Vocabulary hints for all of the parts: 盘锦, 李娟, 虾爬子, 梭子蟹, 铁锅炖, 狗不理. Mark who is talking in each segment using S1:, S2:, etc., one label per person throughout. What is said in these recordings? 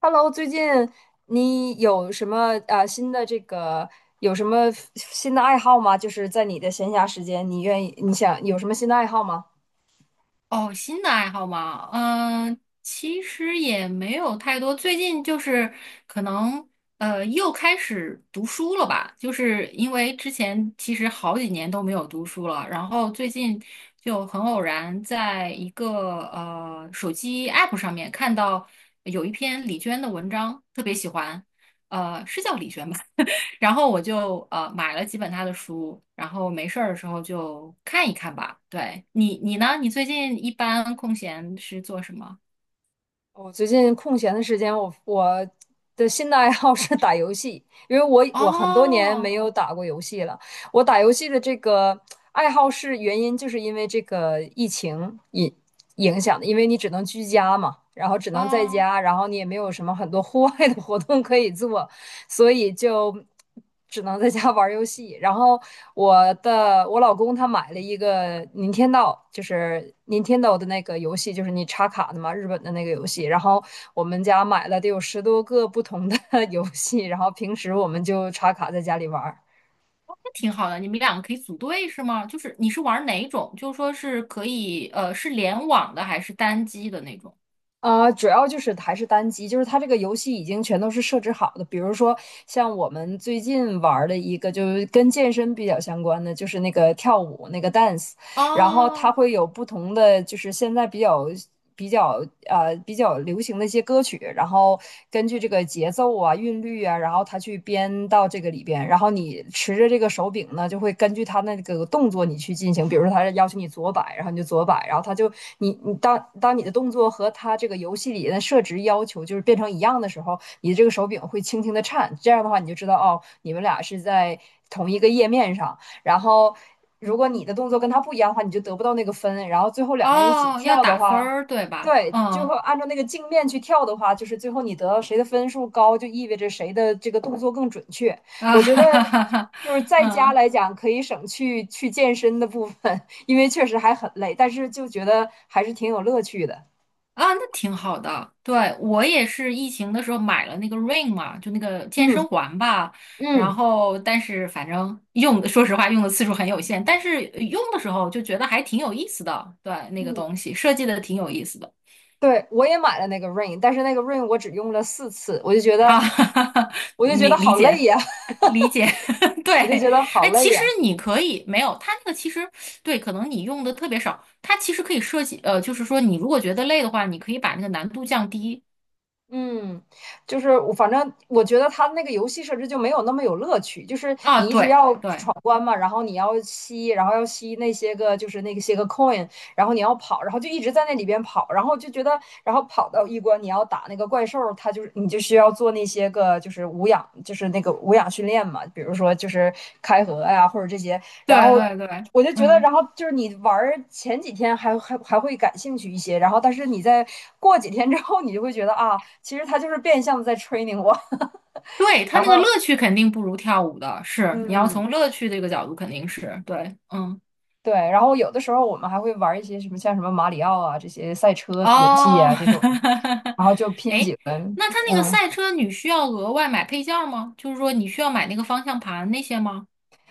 S1: Hello，最近你有什么呃新的这个有什么新的爱好吗？就是在你的闲暇时间，你愿意你想有什么新的爱好吗？
S2: 哦，新的爱好嘛，其实也没有太多。最近就是可能又开始读书了吧，就是因为之前其实好几年都没有读书了，然后最近就很偶然在一个手机 app 上面看到有一篇李娟的文章，特别喜欢，是叫李娟吧？然后我就买了几本他的书，然后没事儿的时候就看一看吧。对你，你呢？你最近一般空闲是做什么？
S1: 我最近空闲的时间，我的新的爱好是打游戏，因为我很多年
S2: 哦。
S1: 没有打过游戏了。我打游戏的这个爱好是原因，就是因为这个疫情影响的，因为你只能居家嘛，然后只能在
S2: 哦，
S1: 家，然后你也没有什么很多户外的活动可以做。所以就只能在家玩儿游戏。然后我老公他买了一个 n i n 就是 NIN 的那个游戏，就是你插卡的嘛，日本的那个游戏。然后我们家买了得有10多个不同的 游戏，然后平时我们就插卡在家里玩儿。
S2: 那挺好的，你们两个可以组队是吗？就是你是玩哪种？就说是可以是联网的还是单机的那种？
S1: 啊、主要就是还是单机，就是它这个游戏已经全都是设置好的。比如说，像我们最近玩儿的一个，就是跟健身比较相关的，就是那个跳舞那个 dance，然后它
S2: 哦。
S1: 会有不同的，就是现在比较比较流行的一些歌曲，然后根据这个节奏啊、韵律啊，然后它去编到这个里边，然后你持着这个手柄呢，就会根据它那个动作你去进行，比如说它要求你左摆，然后你就左摆，然后它就你你当当你的动作和它这个游戏里的设置要求就是变成一样的时候，你的这个手柄会轻轻的颤，这样的话你就知道哦，你们俩是在同一个页面上。然后如果你的动作跟他不一样的话，你就得不到那个分。然后最后两个人一起
S2: 哦，要
S1: 跳的
S2: 打分
S1: 话，
S2: 儿对吧？
S1: 对，就
S2: 嗯。
S1: 会按照那个镜面去跳的话，就是最后你得到谁的分数高，就意味着谁的这个动作更准确。
S2: 啊
S1: 我觉得
S2: 哈哈哈哈，
S1: 就是 在家
S2: 嗯。
S1: 来讲，可以省去去健身的部分，因为确实还很累，但是就觉得还是挺有乐趣的。
S2: 啊，那挺好的。对，我也是疫情的时候买了那个 r i n g 嘛，就那个健
S1: 嗯
S2: 身环吧。然
S1: 嗯。
S2: 后，但是反正用的，说实话用的次数很有限，但是用的时候就觉得还挺有意思的。对，那个
S1: 嗯，
S2: 东西设计的挺有意思的。
S1: 对，我也买了那个 Rain，但是那个 Rain 我只用了4次，
S2: 啊，哈哈哈，
S1: 我就觉得
S2: 明理
S1: 好累
S2: 解。
S1: 呀，
S2: 理解，对，
S1: 我就觉得好
S2: 哎，其
S1: 累
S2: 实
S1: 呀。
S2: 你可以没有它那个，其实对，可能你用的特别少，它其实可以设计，就是说你如果觉得累的话，你可以把那个难度降低。
S1: 嗯，就是反正我觉得它那个游戏设置就没有那么有乐趣，就是
S2: 啊，
S1: 你一直
S2: 对
S1: 要
S2: 对，
S1: 闯关嘛，然后要吸那些个coin，然后你要跑，然后就一直在那里边跑，然后就觉得，然后跑到一关你要打那个怪兽，它就是你就需要做那些个就是无氧，就是那个无氧训练嘛，比如说就是开合呀、或者这些，
S2: 对
S1: 然后
S2: 对对，
S1: 我就觉得，
S2: 嗯，
S1: 然后就是你玩前几天还会感兴趣一些，然后但是你在过几天之后，你就会觉得啊，其实他就是变相的在 training 我。
S2: 对，他
S1: 然
S2: 那个乐
S1: 后
S2: 趣肯定不如跳舞的，是，你要
S1: 嗯，
S2: 从乐趣这个角度肯定是对，嗯。
S1: 对，然后有的时候我们还会玩一些什么像什么马里奥啊这些赛车游戏
S2: 哦，
S1: 啊这种，然后就 拼
S2: 哎，
S1: 几轮，
S2: 那他那个
S1: 嗯。
S2: 赛车你需要额外买配件儿吗？就是说你需要买那个方向盘那些吗？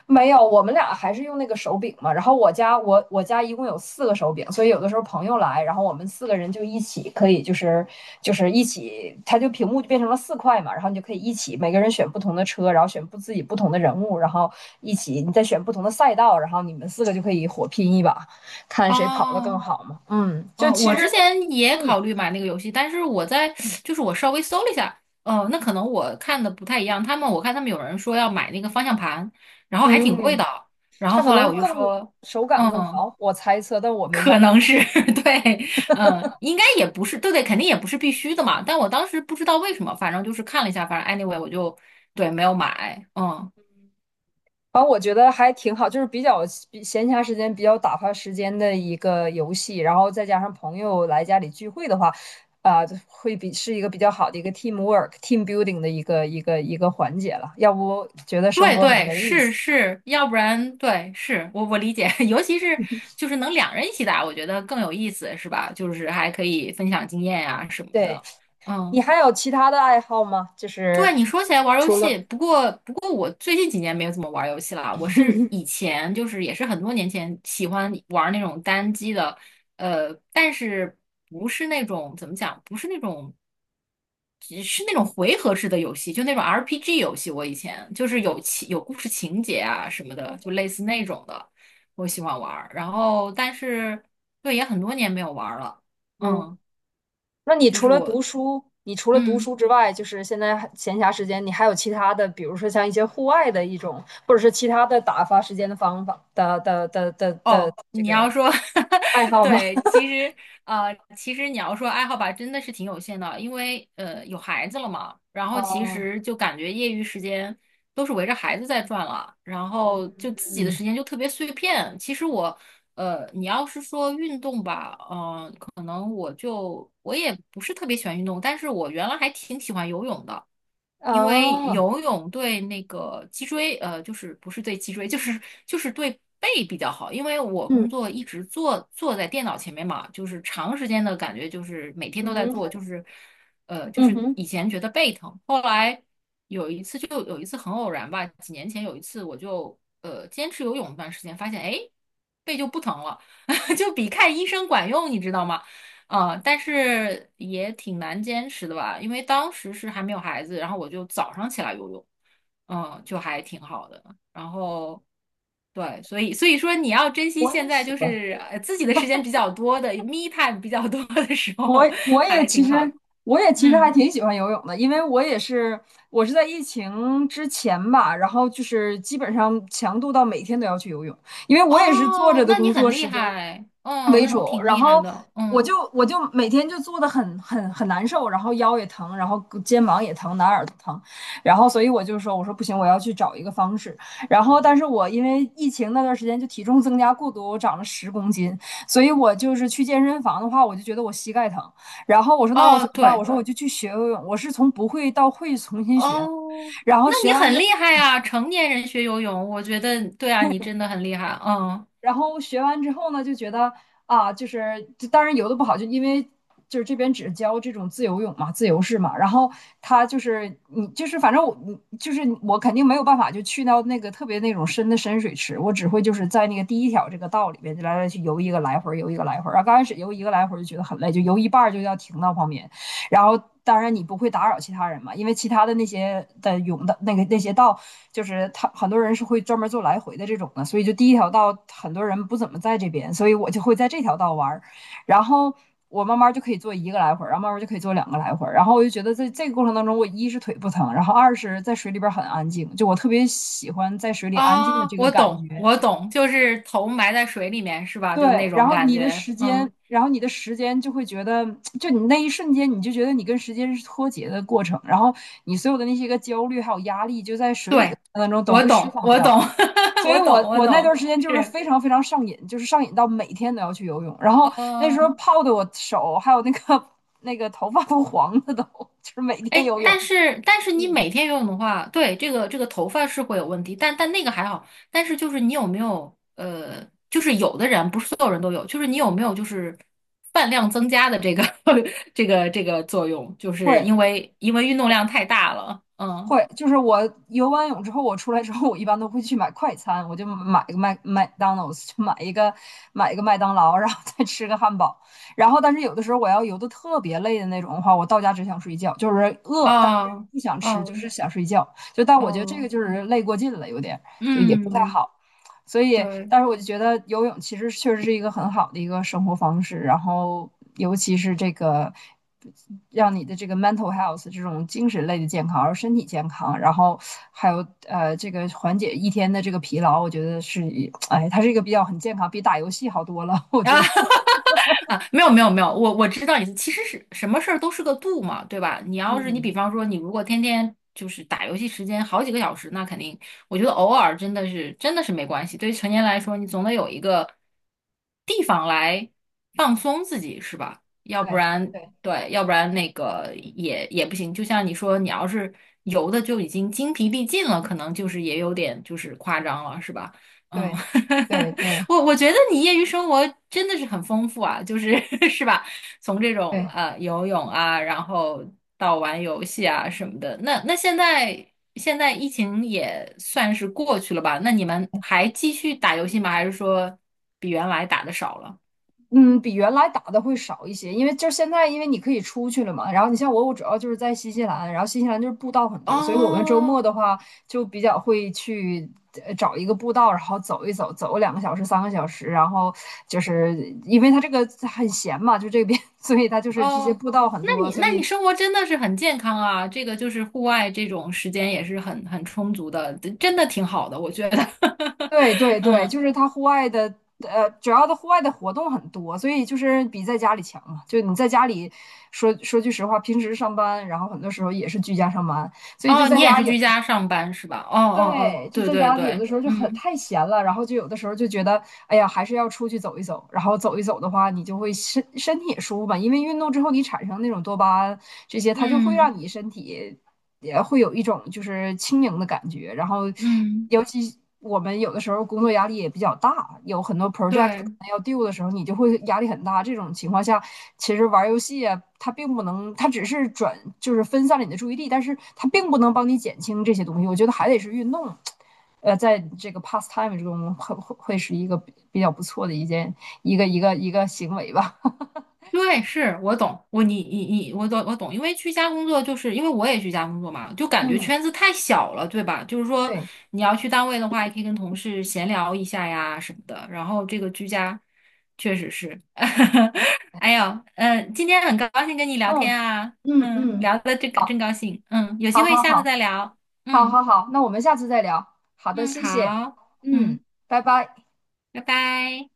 S1: 没有，我们俩还是用那个手柄嘛。然后我家一共有四个手柄，所以有的时候朋友来，然后我们四个人就一起可以就是一起，屏幕就变成了四块嘛，然后你就可以一起每个人选不同的车，然后选不自己不同的人物，然后一起你再选不同的赛道，然后你们四个就可以火拼一把，看谁跑得更
S2: 哦。
S1: 好嘛。嗯，就
S2: 哦，
S1: 其
S2: 我之
S1: 实
S2: 前也
S1: 你
S2: 考虑买那个游戏，但是我在就是我稍微搜了一下，哦，那可能我看的不太一样，他们我看他们有人说要买那个方向盘，然后还挺贵
S1: 嗯，
S2: 的，然后
S1: 它可
S2: 后来
S1: 能
S2: 我就说。
S1: 手感更
S2: 嗯，
S1: 好，我猜测，但我没
S2: 可
S1: 买。
S2: 能是 对，嗯，应该也不是，对对，肯定也不是必须的嘛。但我当时不知道为什么，反正就是看了一下，反正 anyway 我就对没有买，嗯。
S1: 反正我觉得还挺好，就是比闲暇时间比较打发时间的一个游戏，然后再加上朋友来家里聚会的话，啊、就会是一个比较好的一个 team work、team building 的一个环节了，要不觉得生
S2: 对
S1: 活很
S2: 对
S1: 没意
S2: 是
S1: 思。
S2: 是，要不然对是我理解，尤其是就是能两人一起打，我觉得更有意思，是吧？就是还可以分享经验呀、什么
S1: 对，
S2: 的，
S1: 你
S2: 嗯。
S1: 还有其他的爱好吗？就是，
S2: 对，你说起来玩儿游戏，不过我最近几年没有怎么玩儿游戏了。我是以前就是也是很多年前喜欢玩儿那种单机的，但是不是那种怎么讲，不是那种只是那种回合制的游戏，就那种 RPG 游戏。我以前就是有情有故事情节啊什么的，就类似那种的，我喜欢玩儿然后但是对也很多年没有玩儿了，
S1: 嗯，
S2: 嗯，
S1: 那
S2: 就是我。
S1: 你除了读
S2: 嗯。
S1: 书之外，就是现在还闲暇时间，你还有其他的，比如说像一些户外的一种，或者是其他的打发时间的方法的
S2: 哦，
S1: 这
S2: 你要
S1: 个。
S2: 说，
S1: 爱 好吗？
S2: 对，其实其实你要说爱好吧，真的是挺有限的，因为有孩子了嘛，然后其
S1: 哦，
S2: 实就感觉业余时间都是围着孩子在转了，然后就自己的
S1: 嗯，
S2: 时间就特别碎片。其实我你要是说运动吧，嗯。可能我也不是特别喜欢运动，但是我原来还挺喜欢游泳的，因为
S1: 哦，
S2: 游泳对那个脊椎，就是不是对脊椎，就是对背比较好，因为我
S1: 嗯
S2: 工作一直坐在电脑前面嘛，就是长时间的感觉就是每天
S1: 嗯
S2: 都在
S1: 哼，
S2: 做，就是就
S1: 嗯
S2: 是以
S1: 哼，
S2: 前觉得背疼，后来有一次就有一次很偶然吧，几年前有一次我就坚持游泳一段时间，发现哎背就不疼了。就比看医生管用，你知道吗？嗯，但是也挺难坚持的吧，因为当时是还没有孩子，然后我就早上起来游泳，嗯，就还挺好的。然后对，所以说你要珍惜
S1: 我
S2: 现
S1: 也
S2: 在
S1: 喜
S2: 就
S1: 欢，
S2: 是自己的时间比较多的，me time 比较多的时
S1: 我
S2: 候，
S1: 我也
S2: 还
S1: 其
S2: 挺
S1: 实
S2: 好的。
S1: 我也其实还
S2: 嗯，
S1: 挺喜欢游泳的，因为我是在疫情之前吧，然后就是基本上强度到每天都要去游泳，因为我也是坐着
S2: 哦，
S1: 的
S2: 那你
S1: 工
S2: 很
S1: 作
S2: 厉
S1: 时间，
S2: 害，哦，
S1: 为
S2: 那你
S1: 主，
S2: 挺
S1: 然
S2: 厉害
S1: 后
S2: 的，
S1: 我
S2: 嗯。
S1: 就我就每天就坐的很难受，然后腰也疼，然后肩膀也疼，哪儿都疼，然后所以我说不行，我要去找一个方式。然后但是我因为疫情那段时间就体重增加过多，我长了10公斤，所以我就是去健身房的话，我就觉得我膝盖疼。然后我说那我
S2: 哦，
S1: 怎么办？我
S2: 对，
S1: 说我就去学游泳，我是从不会到会重新学的。
S2: 哦，
S1: 然后
S2: 那你很厉害啊，成年人学游泳，我觉得对啊，你真的很厉害，嗯。
S1: 学完之后呢，就觉得啊，就当然游的不好，就因为就是这边只教这种自由式嘛。然后他就是你就是反正我你就是我肯定没有办法就去到那个特别那种深水池，我只会就是在那个第一条这个道里边就来去游一个来回游一个来回然后刚开始游一个来回就觉得很累，就游一半就要停到旁边。然后当然你不会打扰其他人嘛，因为其他的那些的泳的那个那些道，就是他很多人是会专门做来回的这种的，所以就第一条道很多人不怎么在这边，所以我就会在这条道玩儿，然后。我慢慢就可以做一个来回，然后慢慢就可以做两个来回，然后我就觉得在这个过程当中，我一是腿不疼，然后二是在水里边很安静，就我特别喜欢在水里安静的
S2: 啊，
S1: 这个
S2: 我
S1: 感
S2: 懂，
S1: 觉。
S2: 我懂，就是头埋在水里面是吧？就
S1: 对，
S2: 那种感觉。嗯，
S1: 然后你的时间就会觉得，就你那一瞬间，你就觉得你跟时间是脱节的过程，然后你所有的那些个焦虑还有压力，就在水里的
S2: 对，
S1: 过程当中都
S2: 我
S1: 会释
S2: 懂，
S1: 放
S2: 我
S1: 掉。
S2: 懂，
S1: 所以
S2: 我
S1: 我
S2: 懂，我
S1: 我那段
S2: 懂，
S1: 时间就是
S2: 是，
S1: 非常非常上瘾，就是上瘾到每天都要去游泳，然后那时候
S2: 嗯。
S1: 泡的我手还有那个 那个头发都黄了都，就是每天
S2: 哎，
S1: 游泳。
S2: 但是但是你每天游泳的话，对，这个这个头发是会有问题，但但那个还好。但是就是你有没有就是有的人不是所有人都有，就是你有没有就是饭量增加的这个 这个这个作用，就是
S1: 会，
S2: 因为因为运动量太大了。嗯，
S1: 会，就是我游完泳之后，我出来之后，我一般都会去买快餐，我就买个麦当劳，去买一个麦当劳，然后再吃个汉堡。然后，但是有的时候我要游的特别累的那种的话，我到家只想睡觉，就是饿，但是
S2: 哦。
S1: 不想吃，就
S2: 哦，
S1: 是想睡觉。就但我觉得这个
S2: 哦，
S1: 就是累过劲了，有点就也不太
S2: 嗯，
S1: 好。所以
S2: 对。
S1: 但是我就觉得游泳其实确实是一个很好的一个生活方式，然后尤其是这个让你的这个 mental health 这种精神类的健康，然后身体健康，然后还有这个缓解一天的这个疲劳，我觉得哎，它是一个比较很健康，比打游戏好多了，我觉
S2: 啊
S1: 得。
S2: 啊，没有没有没有，我知道你，其实是什么事儿都是个度嘛，对吧？你要是你比
S1: 嗯，
S2: 方说你如果天天就是打游戏时间好几个小时，那肯定，我觉得偶尔真的是真的是没关系。对于成年来说，你总得有一个地方来放松自己，是吧？要不
S1: 对
S2: 然
S1: 对
S2: 对，要不然那个也也不行。就像你说，你要是游的就已经精疲力尽了，可能就是也有点就是夸张了，是吧？嗯，
S1: 对 对对
S2: 我我觉得你业余生活真的是很丰富啊，就是 是吧？从这种
S1: 对。
S2: 游泳啊，然后到玩游戏啊什么的，那那现在现在疫情也算是过去了吧？那你们还继续打游戏吗？还是说比原来打的少了？
S1: 嗯，比原来打的会少一些，因为就是现在，因为你可以出去了嘛。然后你像我主要就是在新西兰，然后新西兰就是步道很多，所以我们周末
S2: 哦。
S1: 的话就比较会去找一个步道，然后走一走，走个2个小时、3个小时。然后就是因为它这个很闲嘛，就这边，所以它就是这些
S2: 哦，
S1: 步道很
S2: 那
S1: 多，
S2: 你
S1: 所
S2: 那你
S1: 以
S2: 生活真的是很健康啊，这个就是户外这种时间也是很很充足的，真的挺好的，我觉得。
S1: 对对 对，
S2: 嗯。
S1: 就是他户外的，主要的户外的活动很多，所以就是比在家里强嘛。就你在家里说句实话，平时上班，然后很多时候也是居家上班，所以就
S2: 哦，
S1: 在
S2: 你也
S1: 家
S2: 是
S1: 也。
S2: 居家上班是吧？哦哦哦，
S1: 对，就
S2: 对
S1: 在
S2: 对
S1: 家里有
S2: 对，
S1: 的时候就很
S2: 嗯
S1: 太闲了，然后就有的时候就觉得，哎呀，还是要出去走一走。然后走一走的话，你就会身体也舒服嘛，因为运动之后你产生那种多巴胺这些，它就会
S2: 嗯
S1: 让你身体也会有一种就是轻盈的感觉。然后，
S2: 嗯，
S1: 尤其我们有的时候工作压力也比较大，有很多 project
S2: 对
S1: 要 d o 的时候，你就会压力很大。这种情况下，其实玩游戏啊，它并不能，它只是转就是分散了你的注意力，但是它并不能帮你减轻这些东西。我觉得还得是运动。在这个 pastime 中会是一个比较不错的一件一个一个一个行为吧。
S2: 对，是我懂，我你你你，我懂我懂，因为居家工作就是因为我也居家工作嘛，就感觉
S1: 嗯，
S2: 圈子太小了，对吧？就是说
S1: 对，
S2: 你要去单位的话，也可以跟同事闲聊一下呀什么的，然后这个居家确实是，哎呦，嗯，今天很高兴跟你聊天
S1: 嗯
S2: 啊，
S1: 嗯
S2: 嗯，
S1: 嗯。
S2: 聊的这个
S1: 好，
S2: 真高兴，嗯，有机
S1: 好，
S2: 会
S1: 好，
S2: 下次
S1: 好。
S2: 再聊，
S1: 好
S2: 嗯
S1: 好好，那我们下次再聊。好的，
S2: 嗯，
S1: 谢谢。
S2: 好。
S1: 嗯，
S2: 嗯。
S1: 拜拜。
S2: 拜拜。